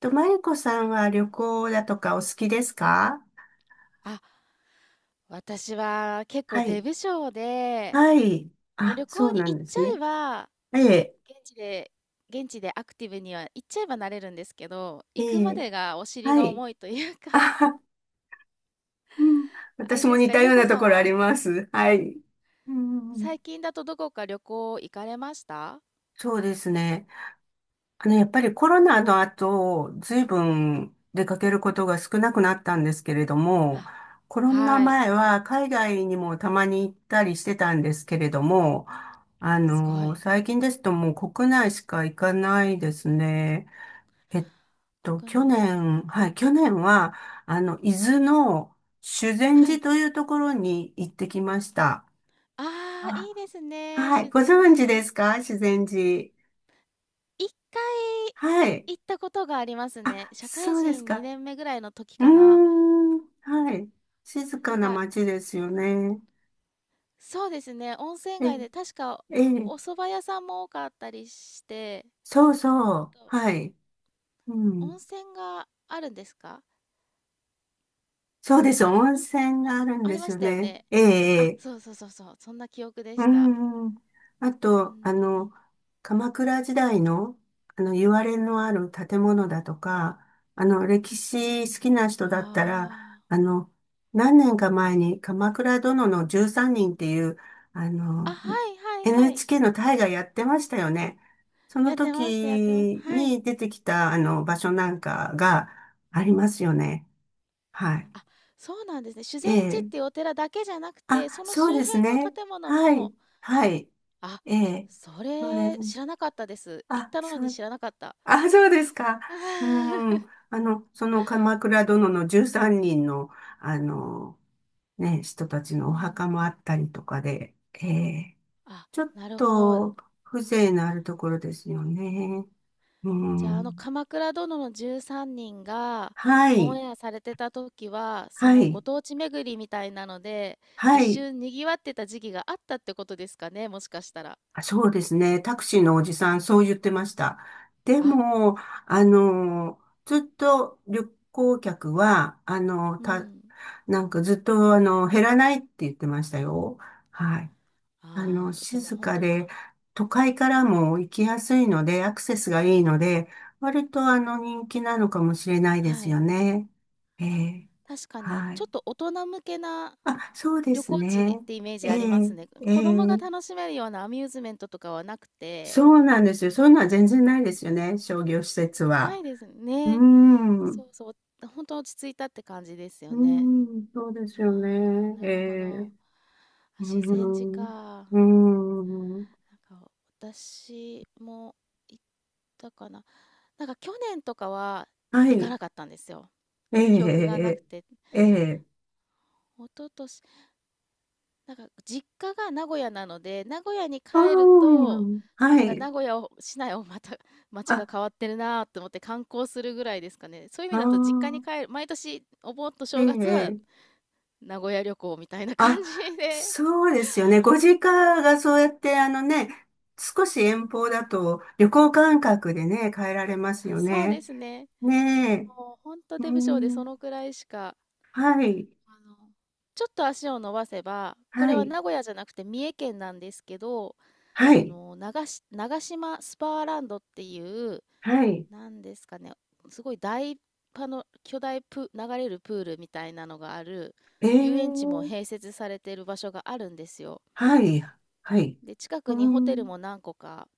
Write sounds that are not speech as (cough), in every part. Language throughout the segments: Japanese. と、まゆこさんは旅行だとかお好きですか？あ、私は結構はい。出不精で、はい。あ、旅そ行うにな行んっでちゃすね。えば、ええ、現地で、現地でアクティブには行っちゃえばなれるんですけど、え行くまえ、でがお尻はがい。重いというか あ、(laughs) うん。あれ私もです似か、たゆよううこなとさこんろあは、ります。はい。うん。最近だとどこか旅行行かれました？そうですね。やっぱりコロナの後、ずいぶん出かけることが少なくなったんですけれども、あ、コロナはい。前は海外にもたまに行ったりしてたんですけれども、すごい。最近ですともう国内しか行かないですね。えっ国内。去年、はい、去年は、伊豆の修善は寺い。というところに行ってきました。ああ、あ、いいですね。はい、修ご善存知で寺。すか修善寺？一はい。回行ったことがありますあ、ね。社会そうです人か。2年目ぐらいの時うーかな。ん、はい。静なかんなか、街ですよね。そうですね、温泉え、街で確かええ、お蕎麦屋さんも多かったりして、そうそう。と、はい。う温ん。泉があるんですか？そうです。温温泉。泉あ、があるんあでりすましよたよね。ね。ええ、あ、ええ、そうそうそうそう、そんな記憶でうーした。ん。あうーん、と、い。鎌倉時代の、言われのある建物だとか、歴史好きな人だったら、ああの、何年か前に鎌倉殿の13人っていう、ああ。あ、の、はいはいはい。NHK の大河やってましたよね。そやのってましたやってました。時はい。に出てきた、場所なんかがありますよね。はい。あ、そうなんですね。修え善寺っえ。ていうお寺だけじゃなくて、あ、そのそう周です辺のね。建物はい。も。はい。あ、ええ、そそうです。れ知らなかったです。行っあ、たのそにう、知らなかった。あ、そうですか。う (laughs) ん。その鎌倉殿の13人の、あの、ね、人たちのおう墓ん。もあったりとかで、ええ、あ、ちょっなるほど。と風情のあるところですよね。うじゃあ、あのん。「鎌倉殿の13人」がはオンい、エアされてた時は、そはのい、ご当地巡りみたいなので、一はい。瞬賑わってた時期があったってことですかね、もしかしたら。あ、そうですね。タクシーのおじさん、そう言ってました。であ、も、ずっと旅行客は、うん。なんかずっと、減らないって言ってましたよ。はい。ああ、じゃ、もう静本か当で、か。都会からも行きやすいうのん。で、アクセスがいいので、割と人気なのかもしれないではすい。よね。ええ。確かに、はちょい。っと大人向けなあ、そうで旅す行地ね。ってイメージえありますえ、ね。え子供がえ。楽しめるようなアミューズメントとかはなくそて。うなんですよ。そういうのは全然ないですよね。商業施設なは。いですうーね。ん。うそうそう、本当落ち着いたって感じですーよね。ん、そうですよああ、ね。えなるほえ。ど。うあ、ー修善寺ん。か。うーん。なんか私も行ったかな。なんか去年とかはは行かい。なかったんですよ。ええ、記憶がなくて。ええ、ええ、一昨年、なんか実家が名古屋なので、名古屋にあ帰るあ、と、はなんかい。名古屋を、市内をまた、(laughs) 街があ、変わってるなと思って観光するぐらいですかね。そういう意あ味あ、だと実家に帰る、毎年お盆とえ正月はえ、名古屋旅行みたいなあ、感じで。そうですよね。ご実家がそうやって、少し遠方だと旅行感覚でね、帰られますあ、よそうでね。すね。ねえ、もう本当う出不精でそん、のくらいしか、はい、あの、ちょっと足を伸ばせば、こはれはい、名古屋じゃなくて三重県なんですけど、はい、長島スパーランドっていう、はい、なんですかね、すごい大パの巨大プ、流れるプールみたいなのがある、え遊園地もえ、併設されている場所があるんですよ。はい、はい、で、近うくにホテルん、も何個か、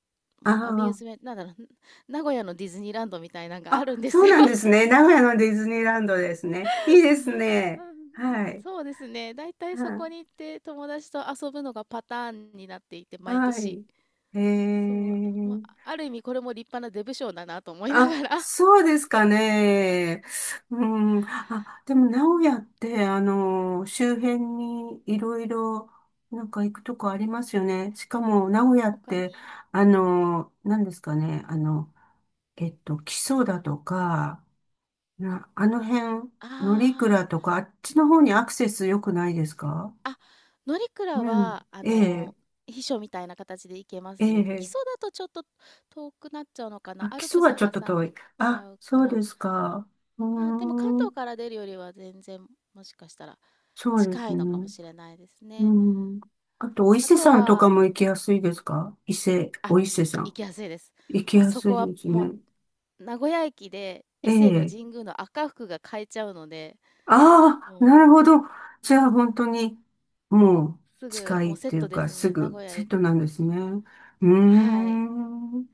もうアミューあズメント、なんだろう、(laughs) 名古屋のディズニーランドみたいなのあ、があるんあ、でそすうよ。なんですね。名古屋のディズニーランドですね。いいですうね。ん、はい。そうですね。だいたいはそこい。に行って友達と遊ぶのがパターンになっていて、毎は年。い。えそう。まー。あ、ある意味これも立派なデブ賞だなと思いながあ、ら。そうですかね。うん。あ、でうも、名古ん、屋って、周辺にいろいろ、なんか行くとこありますよね。しかも、名古屋っ他て、に。何ですかね。木曽だとか、あの辺、乗あ鞍とか、あっちの方にアクセス良くないですか？あ、あ、乗鞍うん。は、ええ、秘書みたいな形で行けますえね。基え。礎だとちょっと遠くなっちゃうのかな。あ、ア基ル礎プスはちょっと挟遠んい。ちあ、ゃうかそうら。ですか。うーまあでも関東ん、から出るよりは全然もしかしたらそうで近すいのかもね。しれないですうね。ん。あと、お伊あ勢とさんとかは、も行きやすいですか？伊勢、あ、お伊勢さ行ん。きやすいです。行きもうやそすいこは、ですもう、ね。名古屋駅でえ伊勢のえ。神宮の赤福が買えちゃうので、ああ、もなるう。ほど。じゃあ、本当に、もう、すぐ近いもうっセッていうトでか、すすね。名ぐ、古屋セッへ、トなんですね。うーはい、ん。う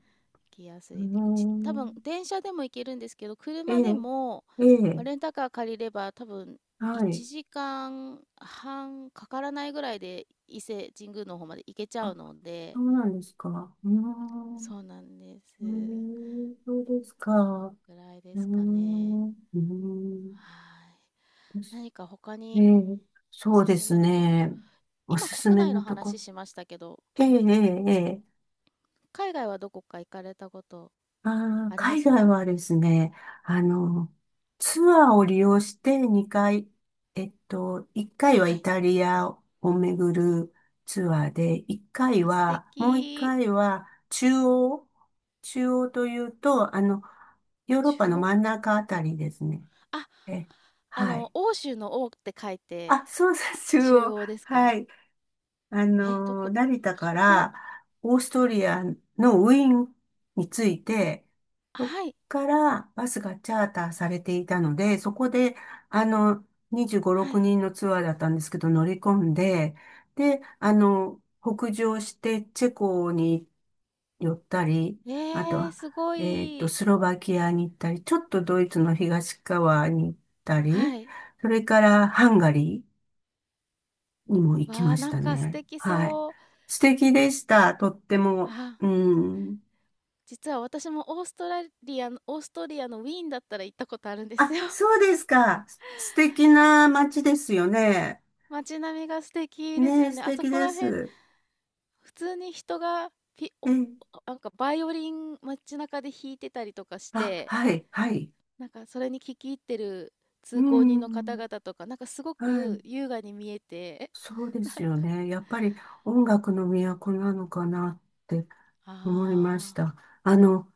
行きやすーい。多分ん、電車でも行けるんですけど、え車でえ、も、えまあ、え、レンタカー借りれば多分は1い。時間半かからないぐらいで伊勢神宮の方まで行けちゃうあ、のそで、うなんですか。うーん。そうなんです。うーん、そうですか。そのうくらいでーすかね。ん、うーん。はい。何か他えにーおそうすですすめのこ、ね。お今すす国め内ののとこ。話しましたけど、ええええええ、海外はどこか行かれたことありま海外す？はですね、あの、ツアーを利用して2回、1回ははイい。タリアを巡るツアーで、1回あ、素は、もう1敵。回は中央、中央というと、ヨーロッパ中の央。真ん中あたりですね。あ、え、はい。欧州の欧って書いて、あ、そうです、中中央。央ですはか？い。え、どこ成田かポ、らオーストリアのウィーンに着いう。て、そこはい、からバスがチャーターされていたので、そこで、あの、25、は6い。人のツアーだったんですけど、乗り込んで、で、北上してチェコに寄ったり、えあとは、すごい。スロバキアに行ったり、ちょっとドイツの東側に行ったり、はい。それからハンガリー、にも行きわまあ、しなんたか素ね。敵はい。そう。素敵でした。とっても。あ、うん。実は私もオーストラリアの、オーストリアのウィーンだったら行ったことあるんであ、すよ。そうですか。素敵な街ですよね。街並みが素敵ですねよえ、素ね。あそ敵こでら辺、す。普通に人がピえお、え、なんかバイオリン街中で弾いてたりとかしあ、て、はい、はい。なんかそれに聞き入ってるう通行人の方ん。々とか、なんかすごはい。く優雅に見えて、そうで (laughs) すなんよか、ね。やっぱり音楽の都なのかなって思いましあた。あの、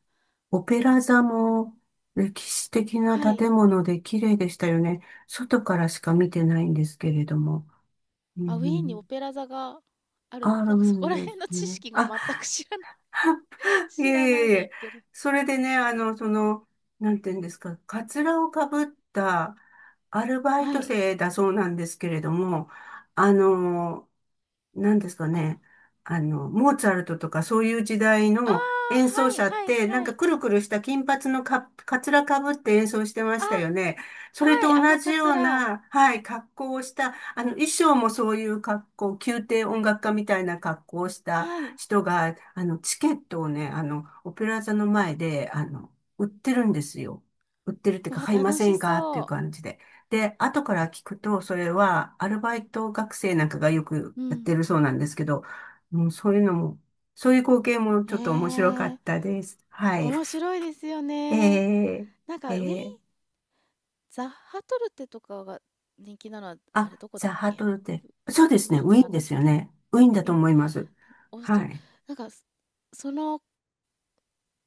オペラ座も歴史的あ、なはい。建物で綺麗でしたよね。外からしか見てないんですけれども。うあ、ウィーンにオん、ペラ座がある、あるなんかそこんらで辺すの知ね。識があ、全く知らない、(laughs) いえ知らないいえいで言え。ってる。それでね、なんていうんですか、カツラをかぶったアルバイはトい。生だそうなんですけれども、あの、なんですかあ、ね。モーツァルトとかそういう時代ああ、の演奏はい、者っはい、て、なんはかい。くるくるした金髪のかつらかぶって演奏してまあ、したよね。それとはい、あ同のじカよツうラ。な、はい、格好をした、衣装もそういう格好、宮廷音楽家みたいな格好をしたはい。人が、チケットをね、オペラ座の前で、売ってるんですよ。売ってるっていうか、わ、買いま楽せしんかっていうそ感じで。で、後から聞くと、それはアルバイト学生なんかがよくう。うやっん。てるそうなんですけど、もうそういうのも、そういう光景もえちょっと面白かえ、ったです。はい。面白いですよえね。ー、なんえか、ウィーンー、ザッハトルテとかが人気なのは、ああ、れどこだザ・っハートけ？ルテ。そうでウすィね、ーンウじゃィーなンでかっすたっよけ？ね。ウィーンだウィとーン思います。オーストはリ、い。なんか、その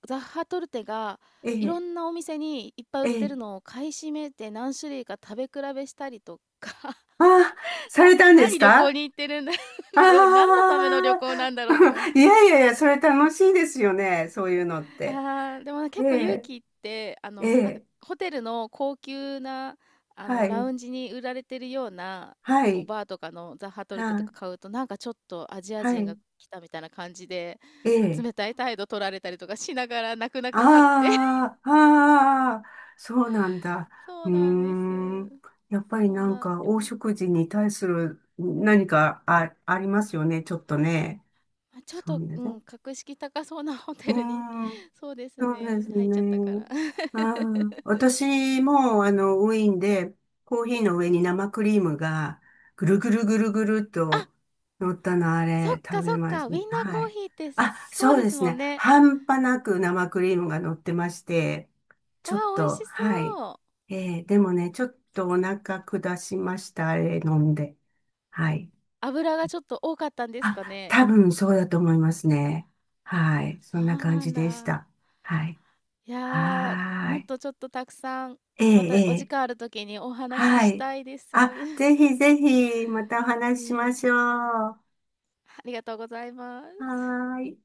ザッハトルテがえいろー、んなお店にいっぱい売えってー、るのを買い占めて何種類か食べ比べしたりとか、あー、(laughs) されたんです何旅行か？に行ってるんだ。 あ (laughs) 何のための旅あ行なんだろうとか思って。ー、(laughs) いやいやいや、それ楽しいですよね、そういうのって。でも結構勇え気って、ー、えなんかー、ホテルの高級な、はラい、ウンジに売られてるような、はこう、い。バーとかのザ・ハトルテとはいか買うと、なんかちょっとアジアは人がい。来たみたいな感じで、ええ。冷たい態度取られたりとかしながら、泣く泣く買って (laughs)。ああ、ああ、そうなんだ。そううーなんです。ん。やっぱりそなんんなか、旅黄行、色人に対する何かありますよね。ちょっとね。ま、ちょっそうと、ね。うん、格式高そうなホうテルに ーん。(laughs)、そうですそうですね、入っちゃったかね。ら。あ (laughs) あ、私も、ウィーンで、コーヒーの上に生クリームが、ぐるぐるぐるぐるっあ、と乗ったの、あそっれ、食かそべっましか、ウィンナーた。はコーい。ヒーってあ、そうそうでですすもんね。ね。半端なく生クリームが乗ってまして、わちょっあ、美味と、しはい。そう。でもね、ちょっとお腹下しました、あれ飲んで。はい。油がちょっと多かったんですかあ、ね。多分そうだと思いますね。はい。そそんなう感なじんでしだ。た。はい。いやー、はもっーい。とちょっとたくさん、ええ、またえお時え、間あるときにお話はししい。たいです。あ、(laughs) ぜひぜひ、またおウ話ししまィーン。しょう。はありがとうございます。ーい。